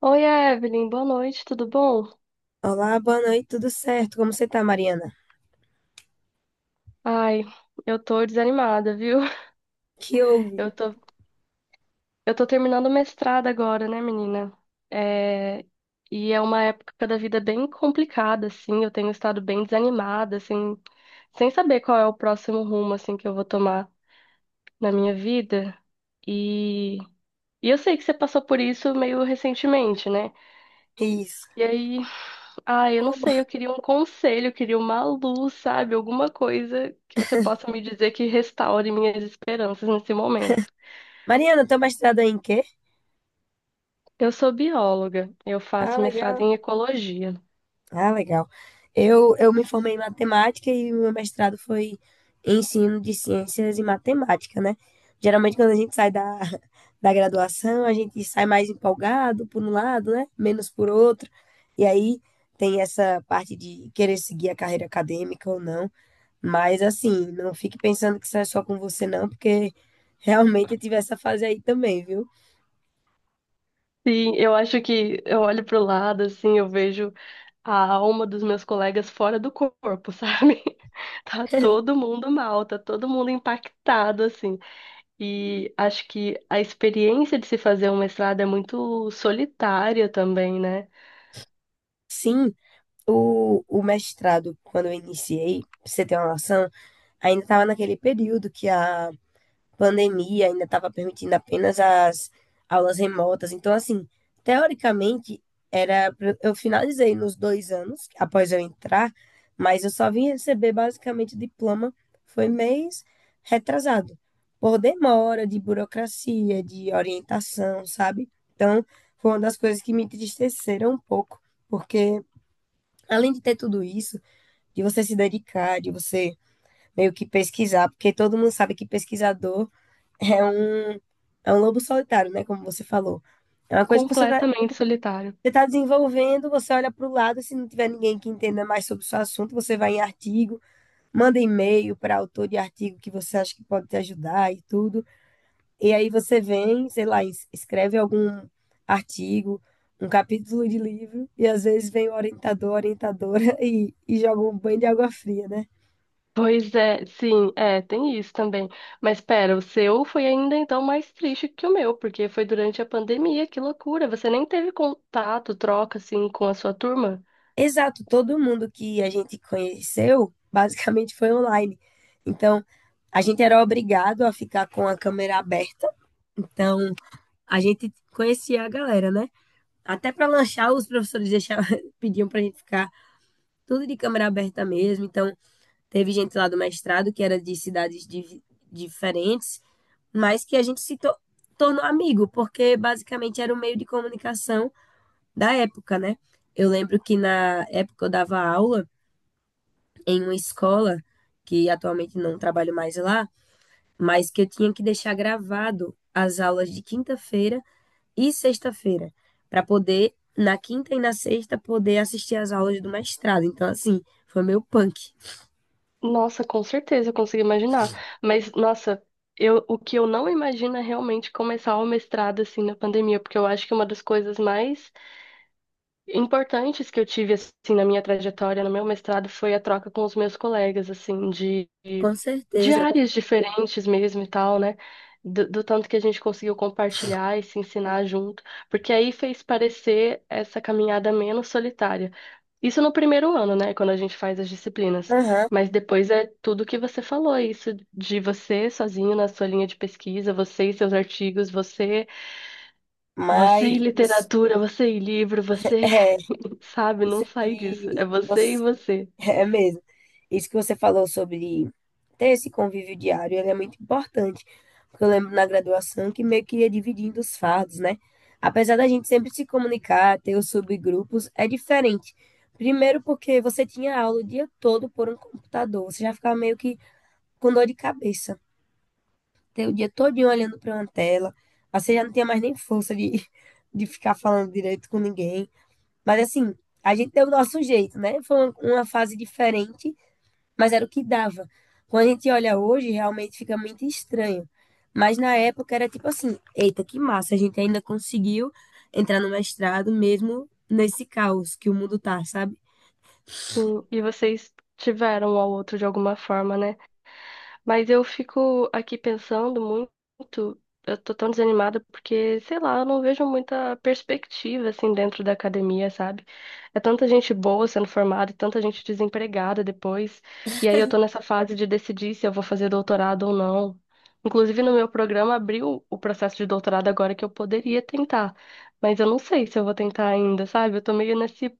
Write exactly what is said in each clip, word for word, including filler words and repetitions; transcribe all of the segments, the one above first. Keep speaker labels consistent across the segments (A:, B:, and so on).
A: Oi, Evelyn, boa noite, tudo bom?
B: Olá, boa noite, tudo certo? Como você tá, Mariana?
A: Ai, eu tô desanimada, viu?
B: Que houve?
A: Eu tô, eu tô terminando o mestrado agora, né, menina? É, e é uma época da vida bem complicada, assim, eu tenho estado bem desanimada, assim, sem saber qual é o próximo rumo, assim, que eu vou tomar na minha vida. E, e eu sei que você passou por isso meio recentemente, né?
B: Isso.
A: E aí, Ah, eu não sei, eu
B: Ô,
A: queria um conselho, eu queria uma luz, sabe? Alguma coisa que você possa me dizer que restaure minhas esperanças nesse momento.
B: Mariana, teu mestrado é em quê?
A: Eu sou bióloga, eu
B: Ah,
A: faço
B: legal.
A: mestrado em ecologia.
B: Ah, legal. Eu, eu me formei em matemática e meu mestrado foi em ensino de ciências e matemática, né? Geralmente, quando a gente sai da, da graduação, a gente sai mais empolgado por um lado, né? Menos por outro. E aí tem essa parte de querer seguir a carreira acadêmica ou não. Mas assim, não fique pensando que isso é só com você, não, porque realmente eu tive essa fase aí também, viu?
A: Sim, eu acho que eu olho pro lado, assim, eu vejo a alma dos meus colegas fora do corpo, sabe? Tá todo mundo mal, tá todo mundo impactado, assim. E acho que a experiência de se fazer um mestrado é muito solitária também, né?
B: Sim, o, o mestrado, quando eu iniciei, pra você ter uma noção, ainda estava naquele período que a pandemia ainda estava permitindo apenas as aulas remotas. Então, assim, teoricamente, era pra- eu finalizei nos dois anos após eu entrar, mas eu só vim receber basicamente o diploma foi mês retrasado, por demora de burocracia, de orientação, sabe? Então, foi uma das coisas que me entristeceram um pouco, porque além de ter tudo isso, de você se dedicar, de você meio que pesquisar, porque todo mundo sabe que pesquisador é um, é um lobo solitário, né? Como você falou. É uma coisa que você tá,
A: Completamente solitário.
B: você tá desenvolvendo, você olha para o lado, se não tiver ninguém que entenda mais sobre o seu assunto, você vai em artigo, manda e-mail para autor de artigo que você acha que pode te ajudar e tudo. E aí você vem, sei lá, es- escreve algum artigo, um capítulo de livro, e às vezes vem o orientador, orientadora e, e joga um banho de água fria, né?
A: Pois é, sim, é, tem isso também. Mas pera, o seu foi ainda então mais triste que o meu, porque foi durante a pandemia, que loucura. Você nem teve contato, troca assim com a sua turma?
B: Exato, todo mundo que a gente conheceu basicamente foi online. Então, a gente era obrigado a ficar com a câmera aberta. Então, a gente conhecia a galera, né? Até para lanchar, os professores deixavam, pediam para a gente ficar tudo de câmera aberta mesmo. Então, teve gente lá do mestrado que era de cidades di- diferentes, mas que a gente se to- tornou amigo, porque basicamente era o meio de comunicação da época, né? Eu lembro que na época eu dava aula em uma escola, que atualmente não trabalho mais lá, mas que eu tinha que deixar gravado as aulas de quinta-feira e sexta-feira, para poder, na quinta e na sexta, poder assistir as aulas do mestrado. Então, assim, foi meu punk.
A: Nossa, com certeza, eu consigo imaginar. Mas nossa, eu, o que eu não imagino é realmente começar o mestrado assim na pandemia, porque eu acho que é uma das coisas mais importantes que eu tive assim na minha trajetória, no meu mestrado, foi a troca com os meus colegas, assim, de,
B: Com
A: de
B: certeza.
A: áreas diferentes mesmo e tal, né? Do, do tanto que a gente conseguiu compartilhar e se ensinar junto, porque aí fez parecer essa caminhada menos solitária. Isso no primeiro ano, né? Quando a gente faz as disciplinas.
B: Aham.
A: Mas depois é tudo que você falou, isso de você sozinho na sua linha de pesquisa, você e seus artigos, você, você e
B: Mas
A: literatura, você e livro, você.
B: é,
A: Sabe, não
B: isso
A: sai disso.
B: que
A: É você e
B: você,
A: você.
B: É mesmo. Isso que você falou sobre ter esse convívio diário, ele é muito importante. Porque eu lembro na graduação que meio que ia dividindo os fardos, né? Apesar da gente sempre se comunicar, ter os subgrupos, é diferente. Primeiro porque você tinha aula o dia todo por um computador, você já ficava meio que com dor de cabeça. Ter o dia todinho olhando para uma tela, aí você já não tinha mais nem força de, de ficar falando direito com ninguém. Mas assim, a gente deu o nosso jeito, né? Foi uma uma fase diferente, mas era o que dava. Quando a gente olha hoje, realmente fica muito estranho. Mas na época era tipo assim, eita, que massa, a gente ainda conseguiu entrar no mestrado mesmo nesse caos que o mundo tá, sabe?
A: Sim, e vocês tiveram um ao outro de alguma forma, né? Mas eu fico aqui pensando muito, eu tô tão desanimada porque, sei lá, eu não vejo muita perspectiva assim dentro da academia, sabe? É tanta gente boa sendo formada e tanta gente desempregada depois. E aí eu tô nessa fase de decidir se eu vou fazer doutorado ou não. Inclusive no meu programa abriu o processo de doutorado agora que eu poderia tentar, mas eu não sei se eu vou tentar ainda, sabe? Eu tô meio nesse,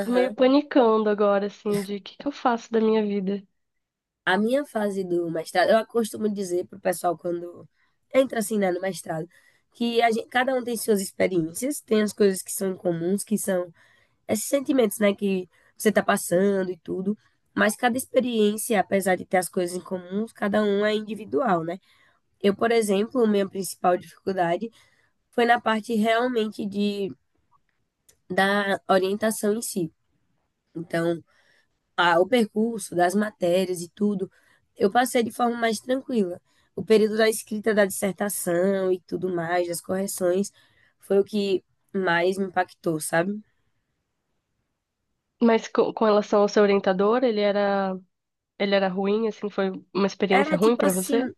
A: tô meio panicando agora assim de o que que eu faço da minha vida.
B: A minha fase do mestrado, eu costumo dizer pro pessoal quando entra assim, né, no mestrado, que a gente, cada um tem suas experiências, tem as coisas que são comuns, que são esses sentimentos, né, que você tá passando e tudo. Mas cada experiência, apesar de ter as coisas em comum, cada um é individual, né? Eu, por exemplo, minha principal dificuldade foi na parte realmente de da orientação em si. Então, a, o percurso das matérias e tudo, eu passei de forma mais tranquila. O período da escrita da dissertação e tudo mais, das correções, foi o que mais me impactou, sabe?
A: Mas co- com, relação ao seu orientador, ele era, ele era ruim, assim, foi uma experiência
B: Era
A: ruim
B: tipo
A: pra você?
B: assim,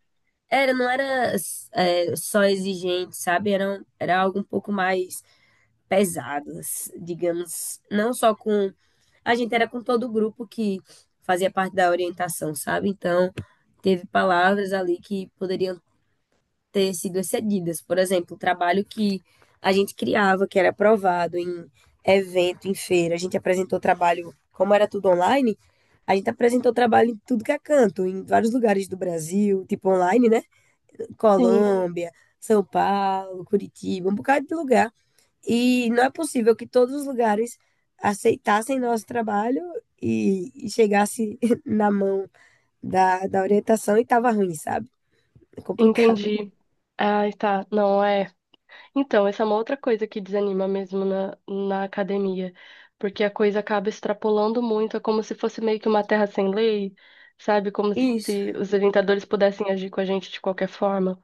B: era, não era, é, só exigente, sabe? Era, um, era algo um pouco mais pesado, s- digamos. Não só com. A gente era com todo o grupo que fazia parte da orientação, sabe? Então, teve palavras ali que poderiam ter sido excedidas. Por exemplo, o trabalho que a gente criava, que era aprovado em evento, em feira. A gente apresentou trabalho, como era tudo online, a gente apresentou trabalho em tudo que é canto, em vários lugares do Brasil, tipo online, né?
A: Sim,
B: Colômbia, São Paulo, Curitiba, um bocado de lugar. E não é possível que todos os lugares aceitassem nosso trabalho e, e chegasse na mão da, da orientação e tava ruim, sabe? É complicado.
A: entendi. Ah, tá. Não, é. Então, essa é uma outra coisa que desanima mesmo na, na academia, porque a coisa acaba extrapolando muito, é como se fosse meio que uma terra sem lei, sabe? Como
B: Isso.
A: se os orientadores pudessem agir com a gente de qualquer forma.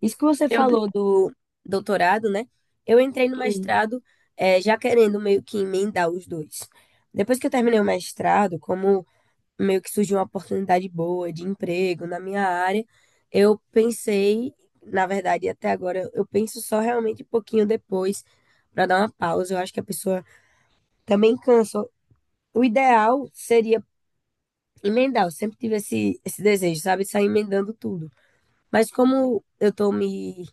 B: Isso que você
A: Eu. de-
B: falou do doutorado, né? Eu entrei no
A: Hum.
B: mestrado, eh, já querendo meio que emendar os dois. Depois que eu terminei o mestrado, como meio que surgiu uma oportunidade boa de emprego na minha área, eu pensei, na verdade, até agora, eu penso só realmente um pouquinho depois para dar uma pausa. Eu acho que a pessoa também cansa. O ideal seria emendar. Eu sempre tive esse, esse desejo, sabe? Sair emendando tudo. Mas como eu tô me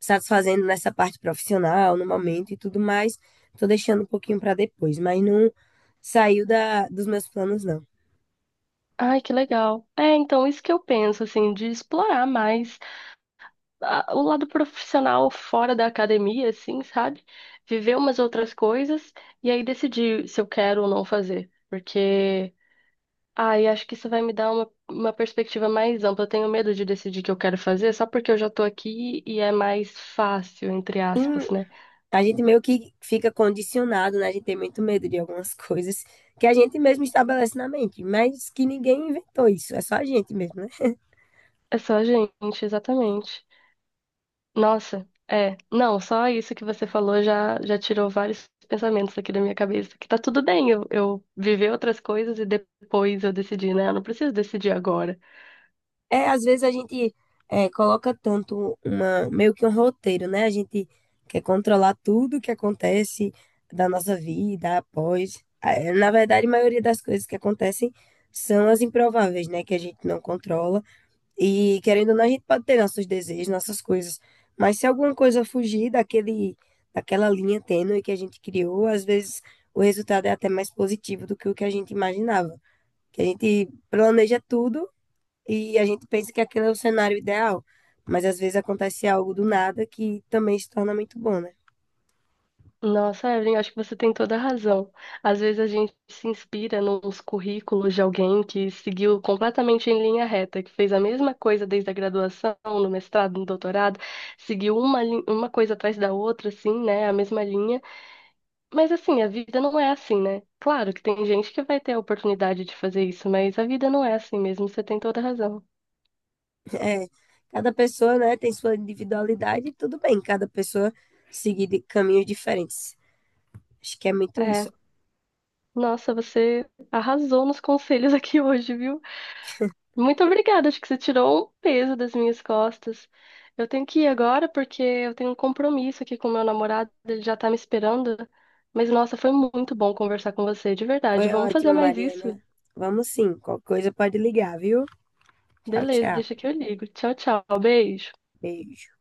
B: satisfazendo nessa parte profissional, no momento e tudo mais, tô deixando um pouquinho para depois. Mas não saiu da, dos meus planos, não.
A: Ai, que legal. É, então, isso que eu penso, assim, de explorar mais. A- o lado profissional fora da academia, assim, sabe? Viver umas outras coisas e aí decidir se eu quero ou não fazer. Porque, ai, acho que isso vai me dar uma, uma perspectiva mais ampla. Eu tenho medo de decidir o que eu quero fazer só porque eu já tô aqui e é mais fácil, entre
B: Em
A: aspas, né?
B: A gente meio que fica condicionado, né? A gente tem muito medo de algumas coisas que a gente mesmo estabelece na mente, mas que ninguém inventou isso, é só a gente mesmo, né?
A: É só a gente, exatamente. Nossa, é. Não, só isso que você falou já, já tirou vários pensamentos aqui da minha cabeça. Que tá tudo bem eu, eu viver outras coisas e depois eu decidir, né? Eu não preciso decidir agora.
B: É, às vezes a gente é, coloca tanto uma, meio que um roteiro, né? A gente quer controlar tudo que acontece da nossa vida após. É, na verdade, a maioria das coisas que acontecem são as improváveis, né? Que a gente não controla. E querendo ou não, a gente pode ter nossos desejos, nossas coisas. Mas se alguma coisa fugir daquele, daquela linha tênue que a gente criou, às vezes o resultado é até mais positivo do que o que a gente imaginava. Que a gente planeja tudo e a gente pensa que aquele é o cenário ideal. Mas às vezes acontece algo do nada que também se torna muito bom, né?
A: Nossa, Evelyn, acho que você tem toda a razão. Às vezes a gente se inspira nos currículos de alguém que seguiu completamente em linha reta, que fez a mesma coisa desde a graduação, no mestrado, no doutorado, seguiu uma, lin- uma coisa atrás da outra, assim, né? A mesma linha. Mas assim, a vida não é assim, né? Claro que tem gente que vai ter a oportunidade de fazer isso, mas a vida não é assim mesmo, você tem toda a razão.
B: É, cada pessoa, né, tem sua individualidade e tudo bem, cada pessoa seguir de caminhos diferentes. Acho que é muito
A: É,
B: isso.
A: nossa, você arrasou nos conselhos aqui hoje, viu? Muito obrigada, acho que você tirou um peso das minhas costas. Eu tenho que ir agora porque eu tenho um compromisso aqui com meu namorado, ele já tá me esperando. Mas nossa, foi muito bom conversar com você, de verdade.
B: Foi
A: Vamos fazer
B: ótimo,
A: mais
B: Mariana.
A: isso?
B: Vamos sim, qualquer coisa pode ligar, viu? Tchau,
A: Beleza,
B: tchau.
A: deixa que eu ligo. Tchau, tchau, beijo.
B: Beijo.